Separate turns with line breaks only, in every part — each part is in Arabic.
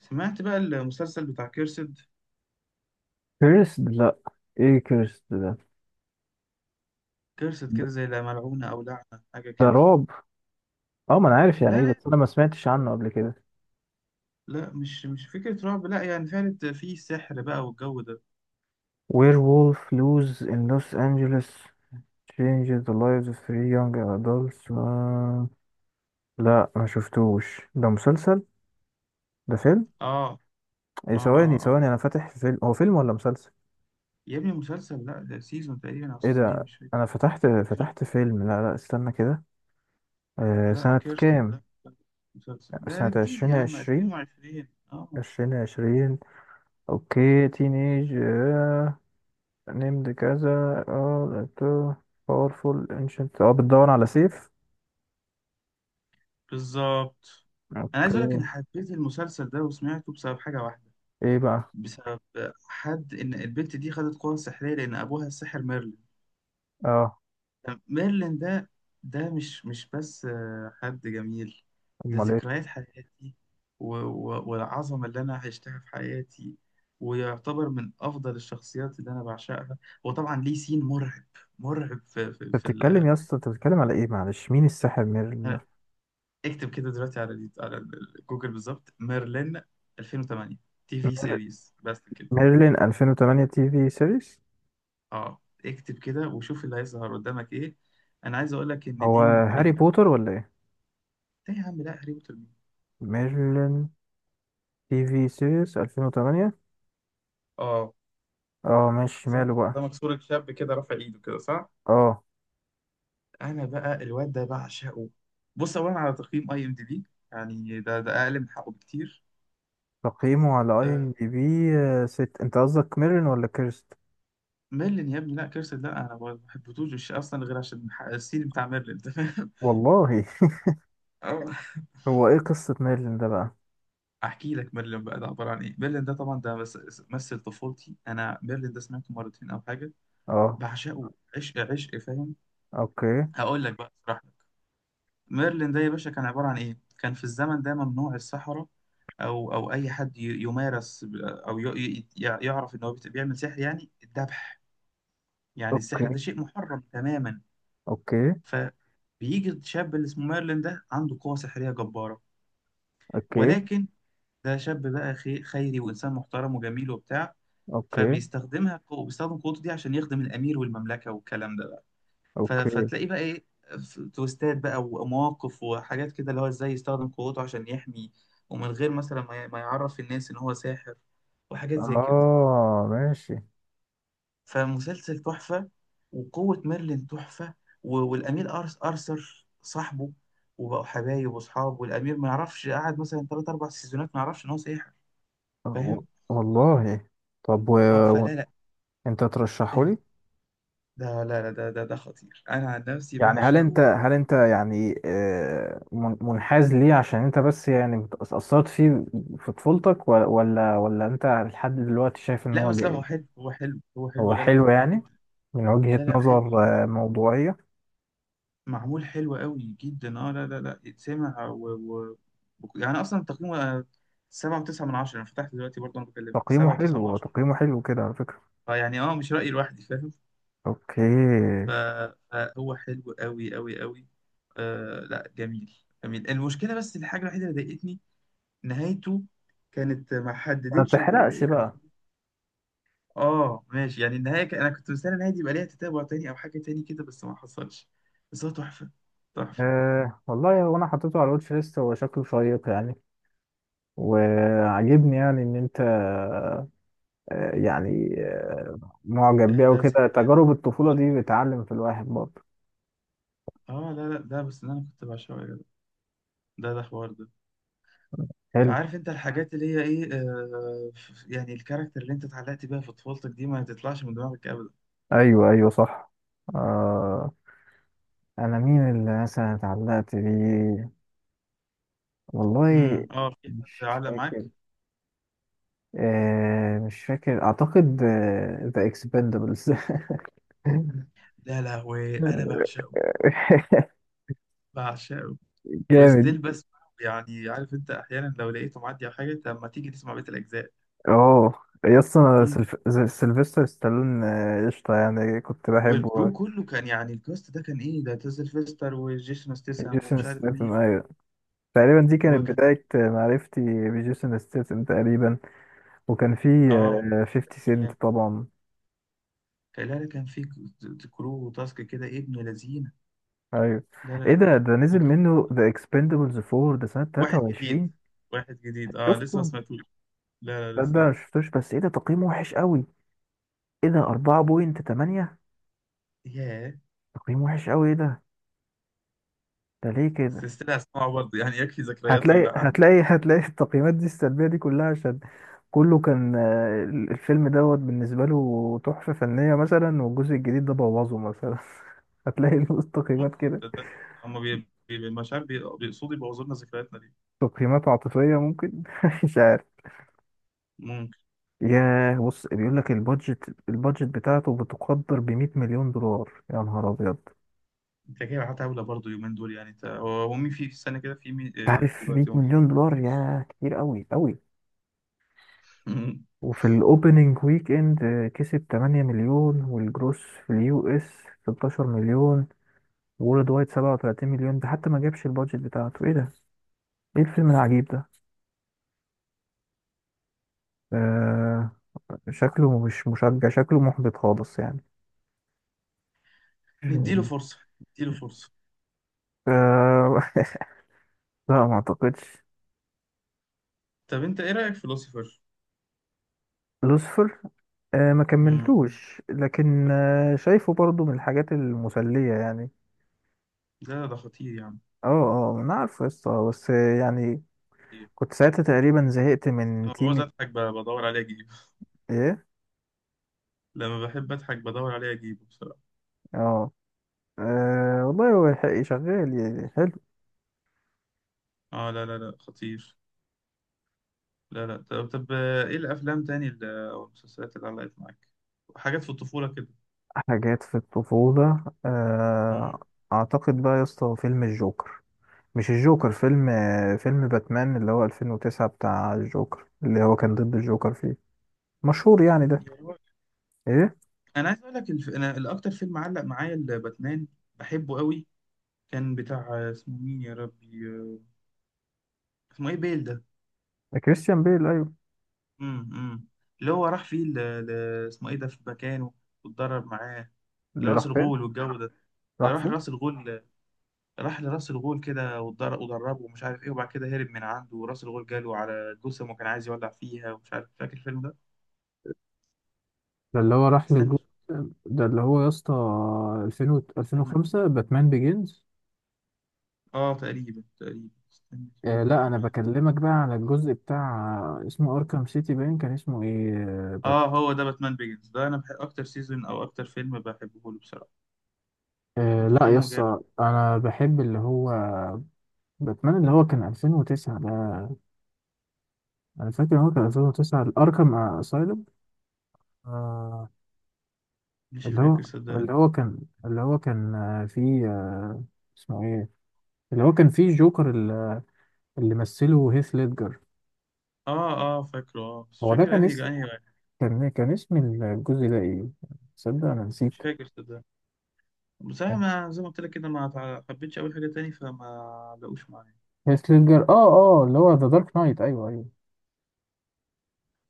سمعت بقى المسلسل بتاع كيرسد.
كيرسد، لا. ايه كيرسد ده؟
كيرسد
ب-
كده زي لا ملعونة أو لعنة، حاجة
ده
كده.
رعب. اه، ما انا عارف
لا
يعني ايه، بس انا ما سمعتش
لا
عنه قبل كده.
لا، مش فكرة رعب، لا يعني فعلا في سحر بقى والجو ده.
وير وولف لوز ان لوس انجلوس changes the lives of three young adults. لا ما شفتوش، ده مسلسل ده فيلم؟
آه
ايه،
آه
ثواني
آه آه،
ثواني، انا فاتح فيلم، هو فيلم ولا مسلسل؟
يا ابني مسلسل، لا ده سيزون تقريبا أو
ايه
سيزونين
ده،
مش فاكر.
انا فتحت
سيزون.
فتحت فيلم. لا لا، استنى كده.
لا
سنة
كيرسد
كام؟
ده مسلسل، ده
سنة
ده جديد
عشرين
يا عم،
عشرين.
2020. آه،
2020. اوكي، تينيج named كذا. اه لقيته. powerful ancient، اه بتدور على سيف.
بالظبط. أنا عايز
اوكي.
أقول لك أنا حبيت المسلسل ده وسمعته بسبب حاجة واحدة.
ايه بقى؟
بسبب حد، إن البنت دي خدت قوة سحرية لأن أبوها الساحر ميرلين.
اه،
طب ميرلين ده، ده مش بس حد جميل. ده
امال ايه.
ذكريات حياتي، والعظمة اللي أنا عشتها في حياتي. ويعتبر من أفضل الشخصيات اللي أنا بعشقها. وطبعا ليه سين مرعب. مرعب في في,
انت
في
بتتكلم
ال...
يا اسطى، انت بتتكلم على ايه؟ معلش، مين الساحر ميرلين ده؟
اكتب كده دلوقتي على جوجل بالظبط، ميرلين 2008 تي في سيريز بس كده.
ميرلين 2008 تي في سيريس.
اه اكتب كده وشوف اللي هيظهر قدامك ايه. انا عايز اقول لك ان
هو
دي
هاري
من،
بوتر ولا ايه؟
ايه يا عم؟ لا هاري بوتر مين؟
ميرلين تي في سيريس 2008.
اه،
اه ماشي،
ده
ماله
ده
بقى.
مكسور الشاب كده رافع ايده كده، صح.
اه،
انا بقى الواد ده بعشقه. بص اولا على تقييم اي ام دي بي. يعني ده اقل من حقه بكتير.
تقييمه على اي
أه.
ام دي بي. ست، انت قصدك ميرلين ولا كيرست؟
ميرلين يا ابني، لا كيرسل لا انا ما بحبتوش، مش اصلا غير عشان السين بتاع ميرلين، تمام.
والله.
أه.
هو ايه قصة ميرلين ده بقى؟
احكي لك ميرلين بقى ده عباره عن ايه. ميرلين ده طبعا ده مثل طفولتي، انا ميرلين ده سمعته مرتين او حاجه.
اه،
بعشقه، عشق، فاهم.
اوكي،
هقول لك بقى، اشرح لك. ميرلين ده يا باشا كان عبارة عن إيه؟ كان في الزمن ده ممنوع السحرة، أو أي حد يمارس ب- أو ي- ي- يع- يعرف إن هو بيعمل سحر، يعني الذبح. يعني السحر
اوكي،
ده شيء محرم تماما.
اوكي،
فبيجي الشاب اللي اسمه ميرلين ده عنده قوة سحرية جبارة.
اوكي،
ولكن ده شاب بقى خيري وإنسان محترم وجميل وبتاع.
اوكي،
فبيستخدمها، بيستخدم قوته دي عشان يخدم الأمير والمملكة والكلام ده.
اوكي.
فتلاقي بقى ايه، تويستات بقى ومواقف وحاجات كده، اللي هو ازاي يستخدم قوته عشان يحمي. ومن غير مثلا ما يعرف الناس ان هو ساحر، وحاجات زي كده.
اه ماشي.
فمسلسل تحفة، وقوة ميرلين تحفة. والأمير أرس أرثر صاحبه، وبقوا حبايب وأصحاب، والأمير ما يعرفش، قعد مثلا تلات أربع سيزونات ما يعرفش إن هو ساحر.
آه، و-
فاهم؟
والله. طب، و...
اه.
و...
فلا لا
انت ترشحه
ال-
لي؟
ده لا لا، ده خطير، أنا عن نفسي
يعني هل انت
بعشقه.
هل انت يعني منحاز ليه عشان انت بس يعني اتأثرت فيه في طفولتك، ولا انت لحد دلوقتي شايف ان
لا
هو
بس، لا هو
جيد؟
حلو هو حلو هو حلو،
هو
لا لا
حلو
هو حلو
يعني،
جدا.
من وجهة
لا لا حلو،
نظر موضوعية.
معمول حلو قوي جدا. اه لا يتسمع و... يعني اصلا تقييمه سبعة وتسعة من عشرة، انا فتحت دلوقتي برضه انا بكلمك،
تقييمه
سبعة
حلو،
وتسعة من
هو
عشرة.
تقييمه حلو كده على فكرة.
فيعني اه مش رأيي لوحدي، فاهم. ف-
اوكي.
فهو حلو قوي. آه لا جميل، جميل. المشكلة بس الحاجة الوحيدة اللي ضايقتني، نهايته. كانت ما
ما
حددتش
تحرقش
يعني.
بقى.
اه ماشي، يعني النهاية انا كنت مستني النهاية دي يبقى ليها تتابع تاني او حاجة تاني كده، بس ما حصلش. بس هو تحفة، تحفة.
أه والله، هو انا حطيته على الواتش ليست، هو شكله شيق يعني. وعجبني يعني ان انت يعني معجب
ده
بيه،
ده
وكده
ذكريات.
تجارب الطفولة دي بتعلم في الواحد برضه.
اه لا لا، ده بس ده انا كنت بعشقه يا جدع. ده حوار ده.
حلو.
فعارف انت الحاجات اللي هي ايه، يعني الكاركتر اللي انت اتعلقت بيها في طفولتك دي ما تطلعش من دماغك ابدا.
ايوه، ايوه، صح. أه، انا مين اللي مثلا اتعلقت بيه؟ والله
اه، في حد
مش
علق معاك؟
فاكر. أه، مش فاكر اعتقد. ذا اكسبندبلز.
لا لا، وانا بعشقه، بعشقه.
جامد.
وستيل بسمعه، يعني عارف انت احيانا لو لقيته معدي على حاجه، طب ما تيجي تسمع بقيه الاجزاء.
اه، يس، انا
كتير.
سيلفستر ستالون، قشطة يعني، كنت بحبه.
والكرو كله كان، يعني الكاست ده كان ايه، ده تيزل فيستر وجيسون ستيسام
جيسون
ومش عارف مين.
ستاثام، ايوه. تقريبا دي كانت
وكان،
بداية معرفتي بجيسون ستاثام تقريبا. وكان في
اه
50 سنت
يعني
طبعا.
كان، لا لا، كان في كرو وتاسك كده ابن لذينه.
ايوه.
لا
ايه
لا.
ده نزل
وك-
منه ذا اكسبندبلز 4، ده سنة
واحد جديد،
23؟
واحد جديد، اه لسه ما
شفته؟
سمعتوش. لا لا
ده
لسه،
ده أنا
لسه.
مشفتوش. بس ايه ده، تقييمه وحش قوي؟ ايه ده، 4.8؟
ياه.
تقييم وحش قوي، ايه ده؟ ده ليه
بس
كده؟
استنى اسمعه برضه، يعني يكفي ذكريات اللي
هتلاقي،
عندي.
هتلاقي، هتلاقي. التقييمات دي السلبية دي كلها عشان كله كان الفيلم دوت بالنسبة له تحفة فنية مثلا، والجزء الجديد ده بوظه مثلا. هتلاقي له
ممكن.
تقييمات كده.
تصدق، هم مش عارف بيقصدوا يبوظوا لنا ذكرياتنا دي.
تقييمات عاطفية، ممكن. مش عارف.
ممكن.
ياه، بص بيقول لك البادجت بتاعته بتقدر ب 100 مليون دولار. يا نهار ابيض،
انت جاي معاه طاوله برضه يومين دول، يعني انت هو مين في في السنه كده، في مين
انت عارف 100
دلوقتي موجود.
مليون دولار، يا كتير قوي قوي.
مم.
وفي الاوبننج ويك اند كسب 8 مليون، والجروس في اليو اس 16 مليون، وولد وايت 37 مليون. ده حتى ما جابش البادجت بتاعته. ايه ده؟ ايه الفيلم العجيب ده؟ آه شكله مش مشجع، شكله محبط خالص يعني.
نديله
مم.
فرصه، نديله فرصه.
آه. لا، ما اعتقدش.
طب انت ايه رايك في لوسيفر؟
لوسفر. آه ما
امم
كملتوش، لكن آه شايفه برضو من الحاجات المسلية يعني.
ده ده خطير يعني،
اه اه، انا عارف قصة، بس يعني
خطير.
كنت ساعتها تقريبا زهقت من
انا بعوز
تيمة.
اضحك، بدور عليه اجيبه.
ايه؟
لما بحب اضحك بدور عليه اجيبه.
اه. والله هو شغال يعني، حلو.
اه لا لا لا خطير. لا لا، طب طب ايه الافلام تاني او المسلسلات اللي علقت معاك، حاجات في الطفولة كده.
حاجات في الطفولة،
مم.
أعتقد بقى يا اسطى فيلم الجوكر. مش الجوكر فيلم، فيلم باتمان اللي هو 2009، بتاع الجوكر، اللي هو كان ضد الجوكر فيه، مشهور يعني ده.
يا راجل.
إيه؟
انا عايز اقول لك انا الاكتر فيلم علق معايا الباتمان، بحبه قوي. كان بتاع اسمه مين يا ربي، اسمه ايه بيل ده.
ده كريستيان بيل، أيوه.
امم. اللي هو راح فيه ل... اسمه ايه ده في مكانه، واتدرب معاه.
اللي
لراس
راح فين؟
الغول والجو ده. اللي
راح
راح
فين؟
راس الغول، راح لراس الغول كده ودربه ومش عارف ايه، وبعد كده هرب من عنده، وراس الغول جاله على جثم وكان عايز يولع فيها ومش عارف، فاكر الفيلم ده؟
ده اللي هو راح
استنى،
للجو. ده اللي هو يا اسطى 2000
استنى،
2005، باتمان بيجينز.
اه تقريبا تقريبا، استنى
آه
كده،
لا، انا
باتمان.
بكلمك بقى على الجزء بتاع اسمه اركام سيتي باين، كان اسمه ايه،
اه هو ده باتمان بيجنز، ده انا بحب اكتر سيزون او اكتر فيلم بحبه له بصراحه.
آه لا يا
وتقييمه
اسطى،
جامد.
انا بحب اللي هو باتمان اللي هو كان 2009 ده. انا فاكر إن هو كان 2009 الاركام اسايلم. آه.
مش
اللي هو
فاكر صدقني.
اللي هو كان، اللي هو كان فيه، اسمه ايه، اللي هو كان فيه جوكر، اللي مثله هيث ليدجر.
اه اه فاكره، اه بس مش
هو ده
فاكر
كان
انهي انهي واحد.
كان اسم الجزء ده ايه؟ تصدق انا نسيت.
مش فاكر صدقني بصراحه، ما زي ما قلت لك كده ما حبيتش اول حاجه تاني فما لقوش معايا.
هيث ليدجر، اه اه، اللي هو ذا دارك نايت، ايوه ايوه.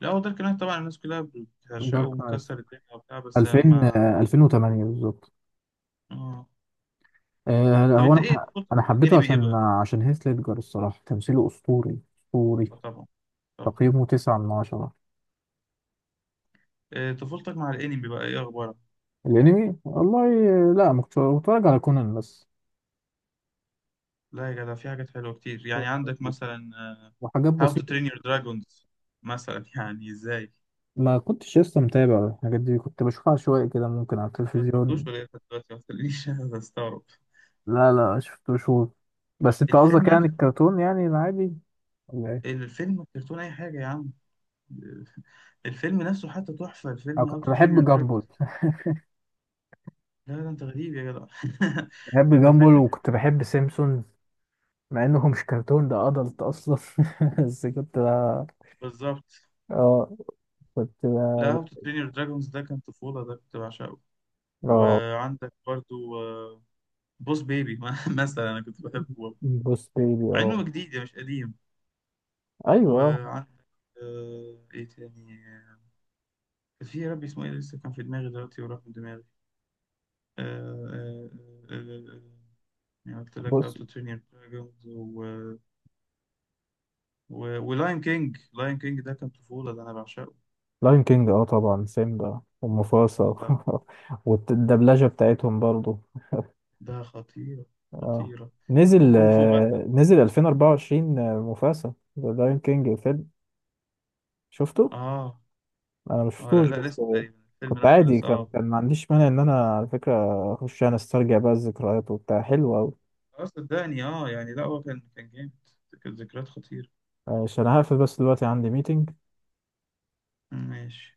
لا هو دارك نايت طبعا، الناس كلها بتعشقه
دارك نايت
ومكسر الدنيا وبتاع، بس
2000،
ما
2008 بالظبط.
اه.
آه
طب
هو
انت
انا
ايه
ح-
طفولتك
انا
مع
حبيته
الانمي ايه
عشان
بقى؟
هيث ليدجر، الصراحه تمثيله اسطوري، اسطوري.
اه طبعا، طبعا.
تقييمه 9/10.
طفولتك مع الانمي بقى ايه اخبارك؟
الأنمي، والله لا، ما كنتش بتفرج على كونان بس
لا يا جدع في حاجات حلوه كتير، يعني عندك مثلا
وحاجات
هاو تو
بسيطة.
ترين يور دراجونز مثلا. يعني ازاي؟
ما كنتش لسه متابع الحاجات دي، كنت بشوفها شوية كده ممكن على
ما سمعتوش
التلفزيون.
ولا ايه لحد دلوقتي؟ ما تخلينيش استغرب.
لا لا، شفتوش هو، بس أنت قصدك
الفيلم
يعني
نفسه.
الكرتون يعني العادي ولا إيه؟
الفيلم كرتون اي حاجه يا عم. الفيلم نفسه حتى تحفه،
أنا
الفيلم هاو
كنت
تو ترين يور
بحب جامبول.
دراجونز. لا ده انت غريب يا جدع.
بحب
انت
جامبول،
فايتك.
وكنت بحب سيمسون. مع إنه مش كرتون ده، أدلت أصلا. بس كنت ب-
بالظبط.
اه، كنت
لا
ب-
هاو تو ترين يور دراجونز ده كان طفوله، ده كنت بعشقه.
اه
وعندك برضو بوس بيبي مثلا، انا كنت بحبه.
بوس بيبي،
مع انه
اه
جديد يعني مش قديم.
ايوه
وعندك آه ايه تاني، كان في يا ربي اسمه ايه، لسه كان في دماغي دلوقتي وراح من دماغي. آه آه آه آه يعني قلت لك
بوس.
هاو تو ترين يور دراجونز و ولاين كينج. لاين كينج ده كان طفولة، ده انا بعشقه.
لاين كينج، اه طبعا سيمبا ومفاسا.
ده،
والدبلجة بتاعتهم برضو.
ده خطيرة،
اه
خطيرة.
نزل،
وكونغ فو باندا.
نزل 2024، آه، مفاسا ذا لاين كينج الفيلم. شفته؟
اه
انا
اه لا
مشفتوش
لا
بس
لسه، تقريبا الفيلم
كنت
نفسه
عادي،
لسه
كان
اه.
كان ما عنديش مانع ان انا على فكرة اخش انا استرجع بقى الذكريات وبتاع، حلو اوي.
صدقني اه، يعني لا هو كان كان جامد، كانت ذكريات خطيرة.
عشان هقفل بس دلوقتي عندي ميتنج.
ماشي.